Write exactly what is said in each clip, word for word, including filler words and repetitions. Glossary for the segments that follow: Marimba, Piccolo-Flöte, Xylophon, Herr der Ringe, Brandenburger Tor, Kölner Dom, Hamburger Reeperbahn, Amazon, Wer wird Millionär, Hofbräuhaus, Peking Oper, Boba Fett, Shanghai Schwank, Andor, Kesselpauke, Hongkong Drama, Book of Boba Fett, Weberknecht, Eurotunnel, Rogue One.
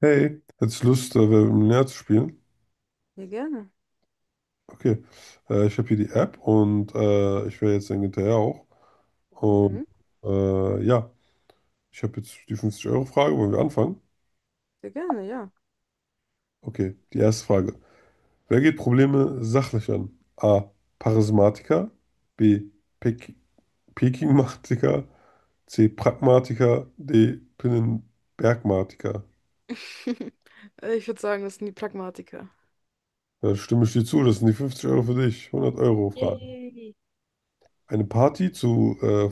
Hey, hättest du Lust, äh, Wer wird Millionär zu spielen? Ja, gerne. Okay, äh, ich habe hier die App und äh, ich wäre jetzt dann hinterher auch. Und Mhm. äh, ja, ich habe jetzt die fünfzig-Euro-Frage. Wollen wir anfangen? Sehr gerne, ja. Okay, die erste Frage. Wer geht Probleme sachlich an? A. Charismatiker. B. Pek Pekingmatiker. C. Pragmatiker. D. Pinnenbergmatiker. Äh, Ich würde sagen, das sind die Pragmatiker. Da stimme ich dir zu. Das sind die fünfzig Euro für dich. hundert Euro Frage. Yay. Eine Party zu äh,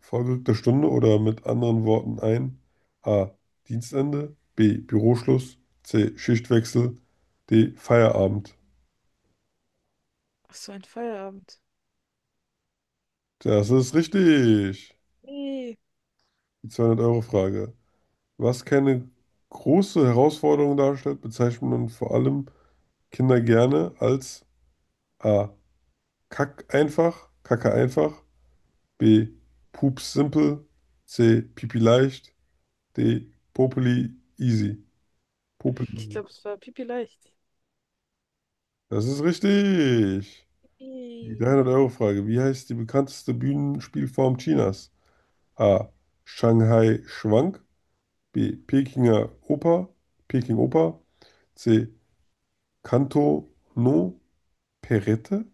vorgerückter Stunde oder mit anderen Worten ein A. Dienstende. B. Büroschluss. C. Schichtwechsel. D. Feierabend. Ach so, ein Feierabend. Das ist richtig. Yay. Die zweihundert Euro Frage. Was keine große Herausforderung darstellt, bezeichnet man vor allem Kinder gerne als A. Kack einfach, Kacke einfach. B. Pups simpel. C. Pipi leicht. D. Popeli easy. Ich Popeli. glaube, es war pipi leicht. Das ist richtig. Die Yay. dreihundert-Euro-Frage. Wie heißt die bekannteste Bühnenspielform Chinas? A. Shanghai Schwank. B. Pekinger Oper. Peking Oper. C. Canto no Perrette.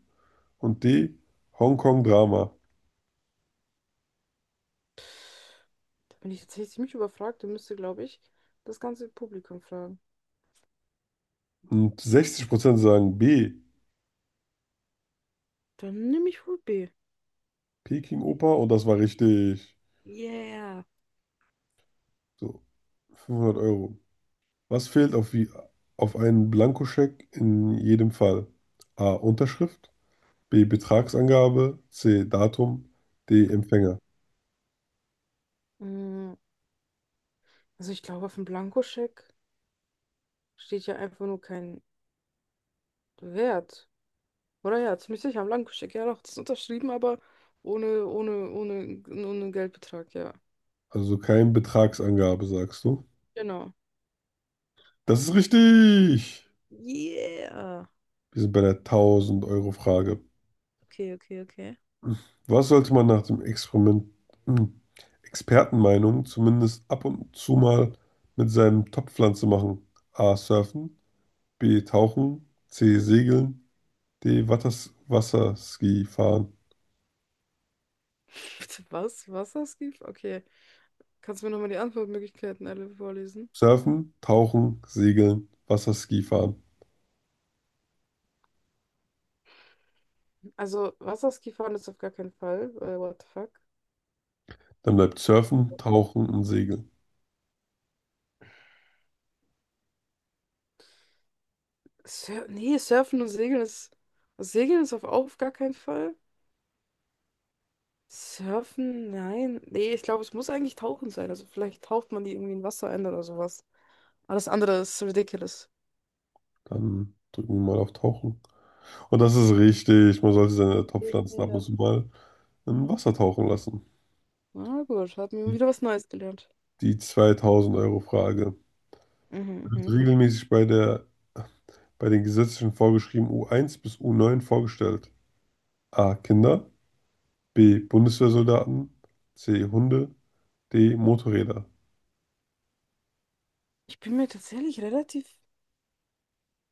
Und D. Hongkong Drama. Da bin ich tatsächlich ziemlich überfragt und müsste, glaube ich, das ganze Publikum fragen. Und sechzig Prozent sagen B. Dann nehme ich wohl B. Peking Oper. Und das war richtig. Yeah. So, fünfhundert Euro. Was fehlt auf, wie, auf einen Blankoscheck in jedem Fall? A. Unterschrift. B. Betragsangabe. C. Datum. D. Empfänger. Mm, Also ich glaube, auf dem Blankoscheck steht ja einfach nur kein Wert. Oder ja, ziemlich sicher, am Blankoscheck, ja doch, das ist unterschrieben, aber ohne, ohne, ohne, ohne Geldbetrag, ja. Also so kein Betragsangabe, sagst du. Genau. Das ist richtig! Yeah. Wir sind bei der tausend-Euro-Frage. Okay, okay, okay. Was sollte man nach dem Experiment, hm, Expertenmeinung zumindest ab und zu mal mit seinem Topfpflanze machen? A. Surfen. B. Tauchen. C. Segeln. D. Watters Wasserski fahren. Bitte was? Wasserskifahren? Okay. Kannst du mir nochmal die Antwortmöglichkeiten alle vorlesen? Surfen, Tauchen, Segeln, Wasserski fahren. Also, Wasserskifahren ist auf gar keinen Fall. Äh, what the fuck? Dann bleibt Surfen, Tauchen und Segeln. Sur nee, Surfen und Segeln ist. Segeln ist auf, auf gar keinen Fall. Surfen? Nein. Nee, ich glaube, es muss eigentlich Tauchen sein. Also, vielleicht taucht man die irgendwie in Wasser ein oder sowas. Alles andere ist ridiculous. Dann drücken wir mal auf Tauchen. Und das ist richtig. Man sollte seine Topfpflanzen ab und Ja. zu mal im Wasser tauchen lassen. Na gut, hat mir Die, wieder was Neues gelernt. die zweitausend-Euro-Frage Mhm, wird mhm. regelmäßig bei der, bei den gesetzlichen vorgeschrieben u eins bis u neun vorgestellt. A. Kinder. B. Bundeswehrsoldaten. C. Hunde. D. Motorräder. Ich bin mir tatsächlich relativ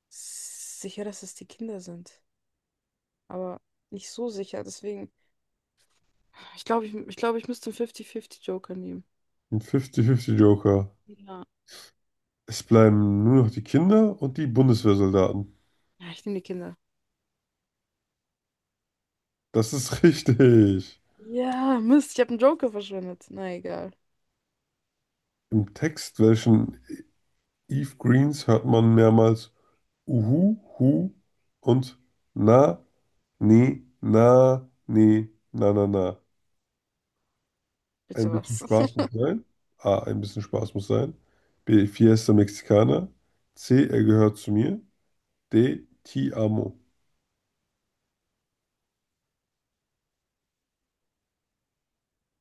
sicher, dass es die Kinder sind. Aber nicht so sicher. Deswegen, ich glaube, ich, ich glaube, ich müsste einen fünfzig fünfzig-Joker nehmen. Ein fünfzig fünfzig Joker. Ja. Es bleiben nur noch die Kinder und die Bundeswehrsoldaten. Ja, ich nehme die Kinder. Das ist richtig. Ja, Mist, ich habe einen Joker verschwendet. Na egal. Im Text, welchen Eve Greens hört man mehrmals Uhu, Hu und Na, Ni, Na, Ni, Na, Na, Na. Ein Bitte bisschen was. Spaß muss sein. A, ein bisschen Spaß muss sein. B, Fiesta Mexicana. C, er gehört zu mir. D, Ti amo.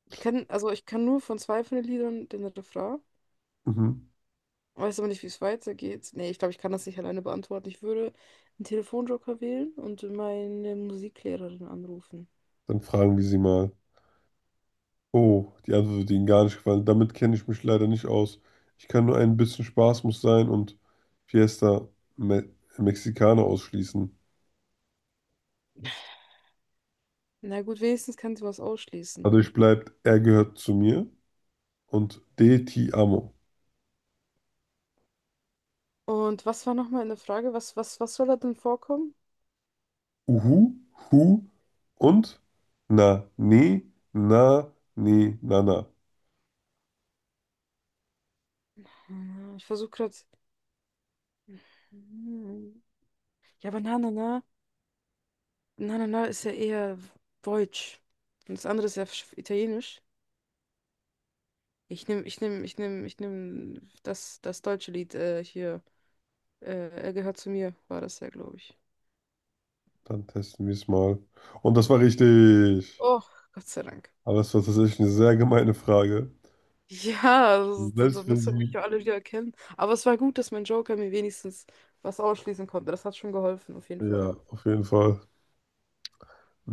Ich kann, also ich kann nur von zwei von den Liedern den Refrain. Mhm. Weiß aber nicht, wie es weitergeht. Nee, ich glaube, ich kann das nicht alleine beantworten. Ich würde einen Telefonjoker wählen und meine Musiklehrerin anrufen. Dann fragen wir sie mal. Oh, die Antwort wird ihnen gar nicht gefallen. Damit kenne ich mich leider nicht aus. Ich kann nur ein bisschen Spaß muss sein und Fiesta Me Mexicana ausschließen. Na gut, wenigstens kann sie was ausschließen. Dadurch bleibt er gehört zu mir und D, Ti amo. Und was war nochmal in der Frage? Was, was, was soll da denn vorkommen? Uhu, Hu und Na, Nee, Na, Nee, Na, Na. Hm, Ich versuche gerade. Hm. Ja, aber na, na, na. Na, na, na ist ja eher deutsch. Und das andere ist ja sch- italienisch. Ich nehme, ich nehme, ich nehme, ich nehme das, das deutsche Lied äh, hier. Äh, er gehört zu mir, war das ja, glaube ich. Dann testen wir es mal. Und das war richtig. Oh, Gott sei Dank. Aber es war tatsächlich eine sehr gemeine Frage. Ja, das, das, das Selbst wenn muss mich sie, ja alle wieder erkennen. Aber es war gut, dass mein Joker mir wenigstens was ausschließen konnte. Das hat schon geholfen, auf jeden Fall. ja, auf jeden Fall.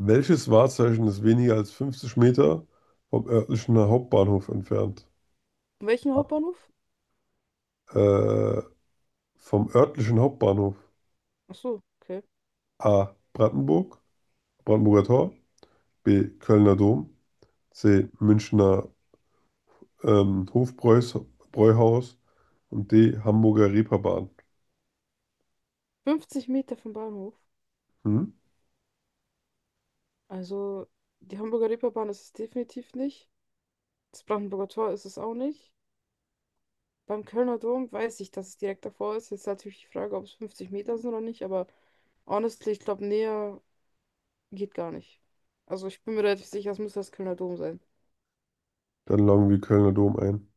Welches Wahrzeichen ist weniger als fünfzig Meter vom örtlichen Hauptbahnhof entfernt? In welchem Hauptbahnhof? Äh, Vom örtlichen Hauptbahnhof. Ach so, okay. A. Brandenburg, Brandenburger Tor. B. Kölner Dom. C. Münchner ähm, Hofbräuhaus. Und D. Hamburger Reeperbahn. fünfzig Meter vom Bahnhof. Hm? Also, die Hamburger Reeperbahn ist es definitiv nicht. Das Brandenburger Tor ist es auch nicht. Beim Kölner Dom weiß ich, dass es direkt davor ist. Jetzt ist natürlich die Frage, ob es fünfzig Meter sind oder nicht, aber honestly, ich glaube, näher geht gar nicht. Also, ich bin mir relativ sicher, es müsste das Kölner Dom sein. Dann loggen wir Kölner Dom ein.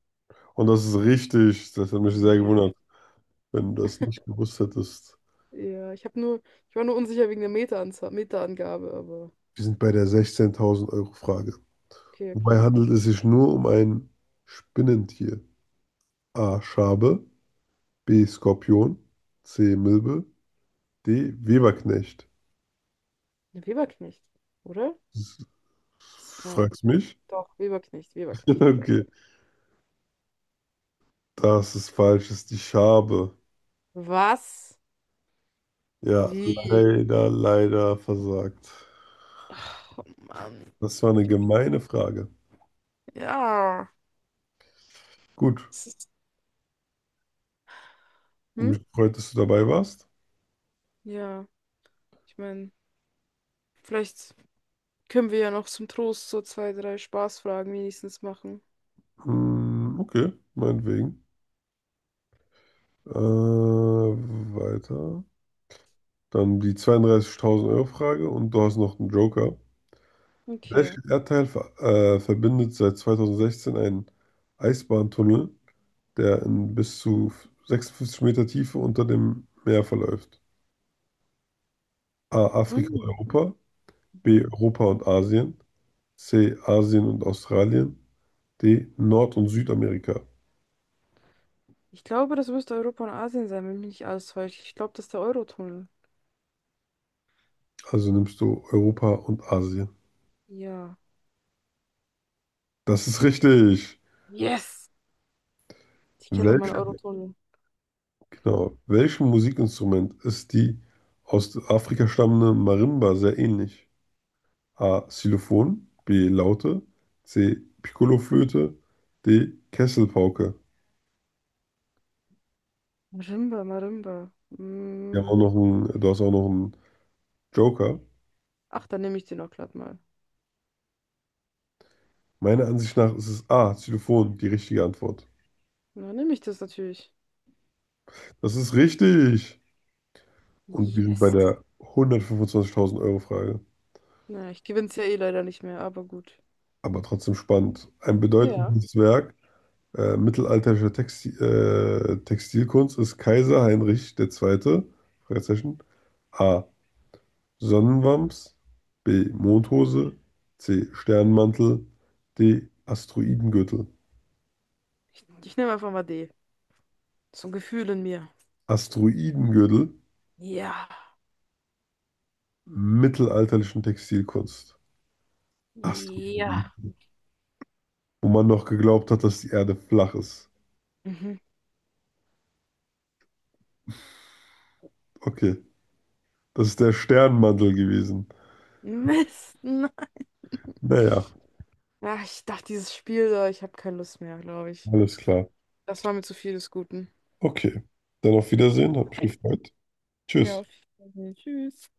Und das ist richtig. Das hat mich sehr Ja. gewundert, wenn du das nicht gewusst hättest. Ja, ich habe nur, ich war nur unsicher wegen der Meteranzahl, Meterangabe, aber Wir sind bei der sechzehntausend Euro Frage. okay, Wobei okay. handelt es sich nur um ein Spinnentier? A. Schabe. B. Skorpion. C. Milbe. D. Weberknecht. Eine Weberknecht, oder? S- Ja, Fragst mich? doch, Weberknecht, Weberknecht, Weberknecht. Okay, das ist falsch, das ist die Schabe. Was? Ja, Wie? leider, leider versagt. Oh Mann, Das war eine gemeine Frage. ja. Gut, und Hm? mich gefreut, dass du dabei warst. Ja, ich meine, vielleicht können wir ja noch zum Trost so zwei, drei Spaßfragen wenigstens machen. Hm, okay, meinetwegen. Äh, weiter. Dann die zweiunddreißigtausend Euro Frage und du hast noch einen Joker. Okay. Welcher Erdteil ver äh, verbindet seit zweitausendsechzehn einen Eisbahntunnel, der in bis zu sechsundfünfzig Meter Tiefe unter dem Meer verläuft? A. Afrika und Mm. Europa. Mhm. B. Europa und Asien. C. Asien und Australien. D. Nord- und Südamerika. Ich glaube, das müsste Europa und Asien sein, wenn mich nicht alles täuscht. Ich glaube, das ist der Eurotunnel. Also nimmst du Europa und Asien. Ja. Das ist richtig. Yes! Ich kenne noch Welche, meinen Eurotunnel. genau, welchem Musikinstrument ist die aus Afrika stammende Marimba sehr ähnlich? A. Xylophon. B. Laute. C. Piccolo-Flöte. D. Kesselpauke. Marimba, Marimba. Wir haben Mm. auch noch einen, Du hast auch noch einen Joker. Ach, dann nehme ich den auch glatt mal. Meiner Ansicht nach ist es A. Xylophon die richtige Antwort. Dann nehme ich das natürlich. Das ist richtig. Und wir sind bei Yes! der hundertfünfundzwanzigtausend Euro Frage. Na, ich gewinne es ja eh leider nicht mehr, aber gut. Aber trotzdem spannend. Ein Ja. bedeutendes Werk. Äh, mittelalterliche Texti äh, Textilkunst ist Kaiser Heinrich der Zweite. Fragezeichen. A. Sonnenwams. B. Mondhose. C. Sternmantel. D. Asteroidengürtel. Ich, ich nehme einfach mal D. So ein Gefühl in mir. Asteroidengürtel, Ja. mittelalterlichen Textilkunst. Ja. Asteroidengürtel. Wo man noch geglaubt hat, dass die Erde flach ist. Mhm. Okay, das ist der Sternmantel gewesen. Mist. Nein. Naja, Ach, ich dachte, dieses Spiel da, ich habe keine Lust mehr, glaube ich. alles klar. Das war mir zu viel des Guten. Okay, dann auf Wiedersehen, hat mich gefreut. Ja, Tschüss. auf jeden Tschüss.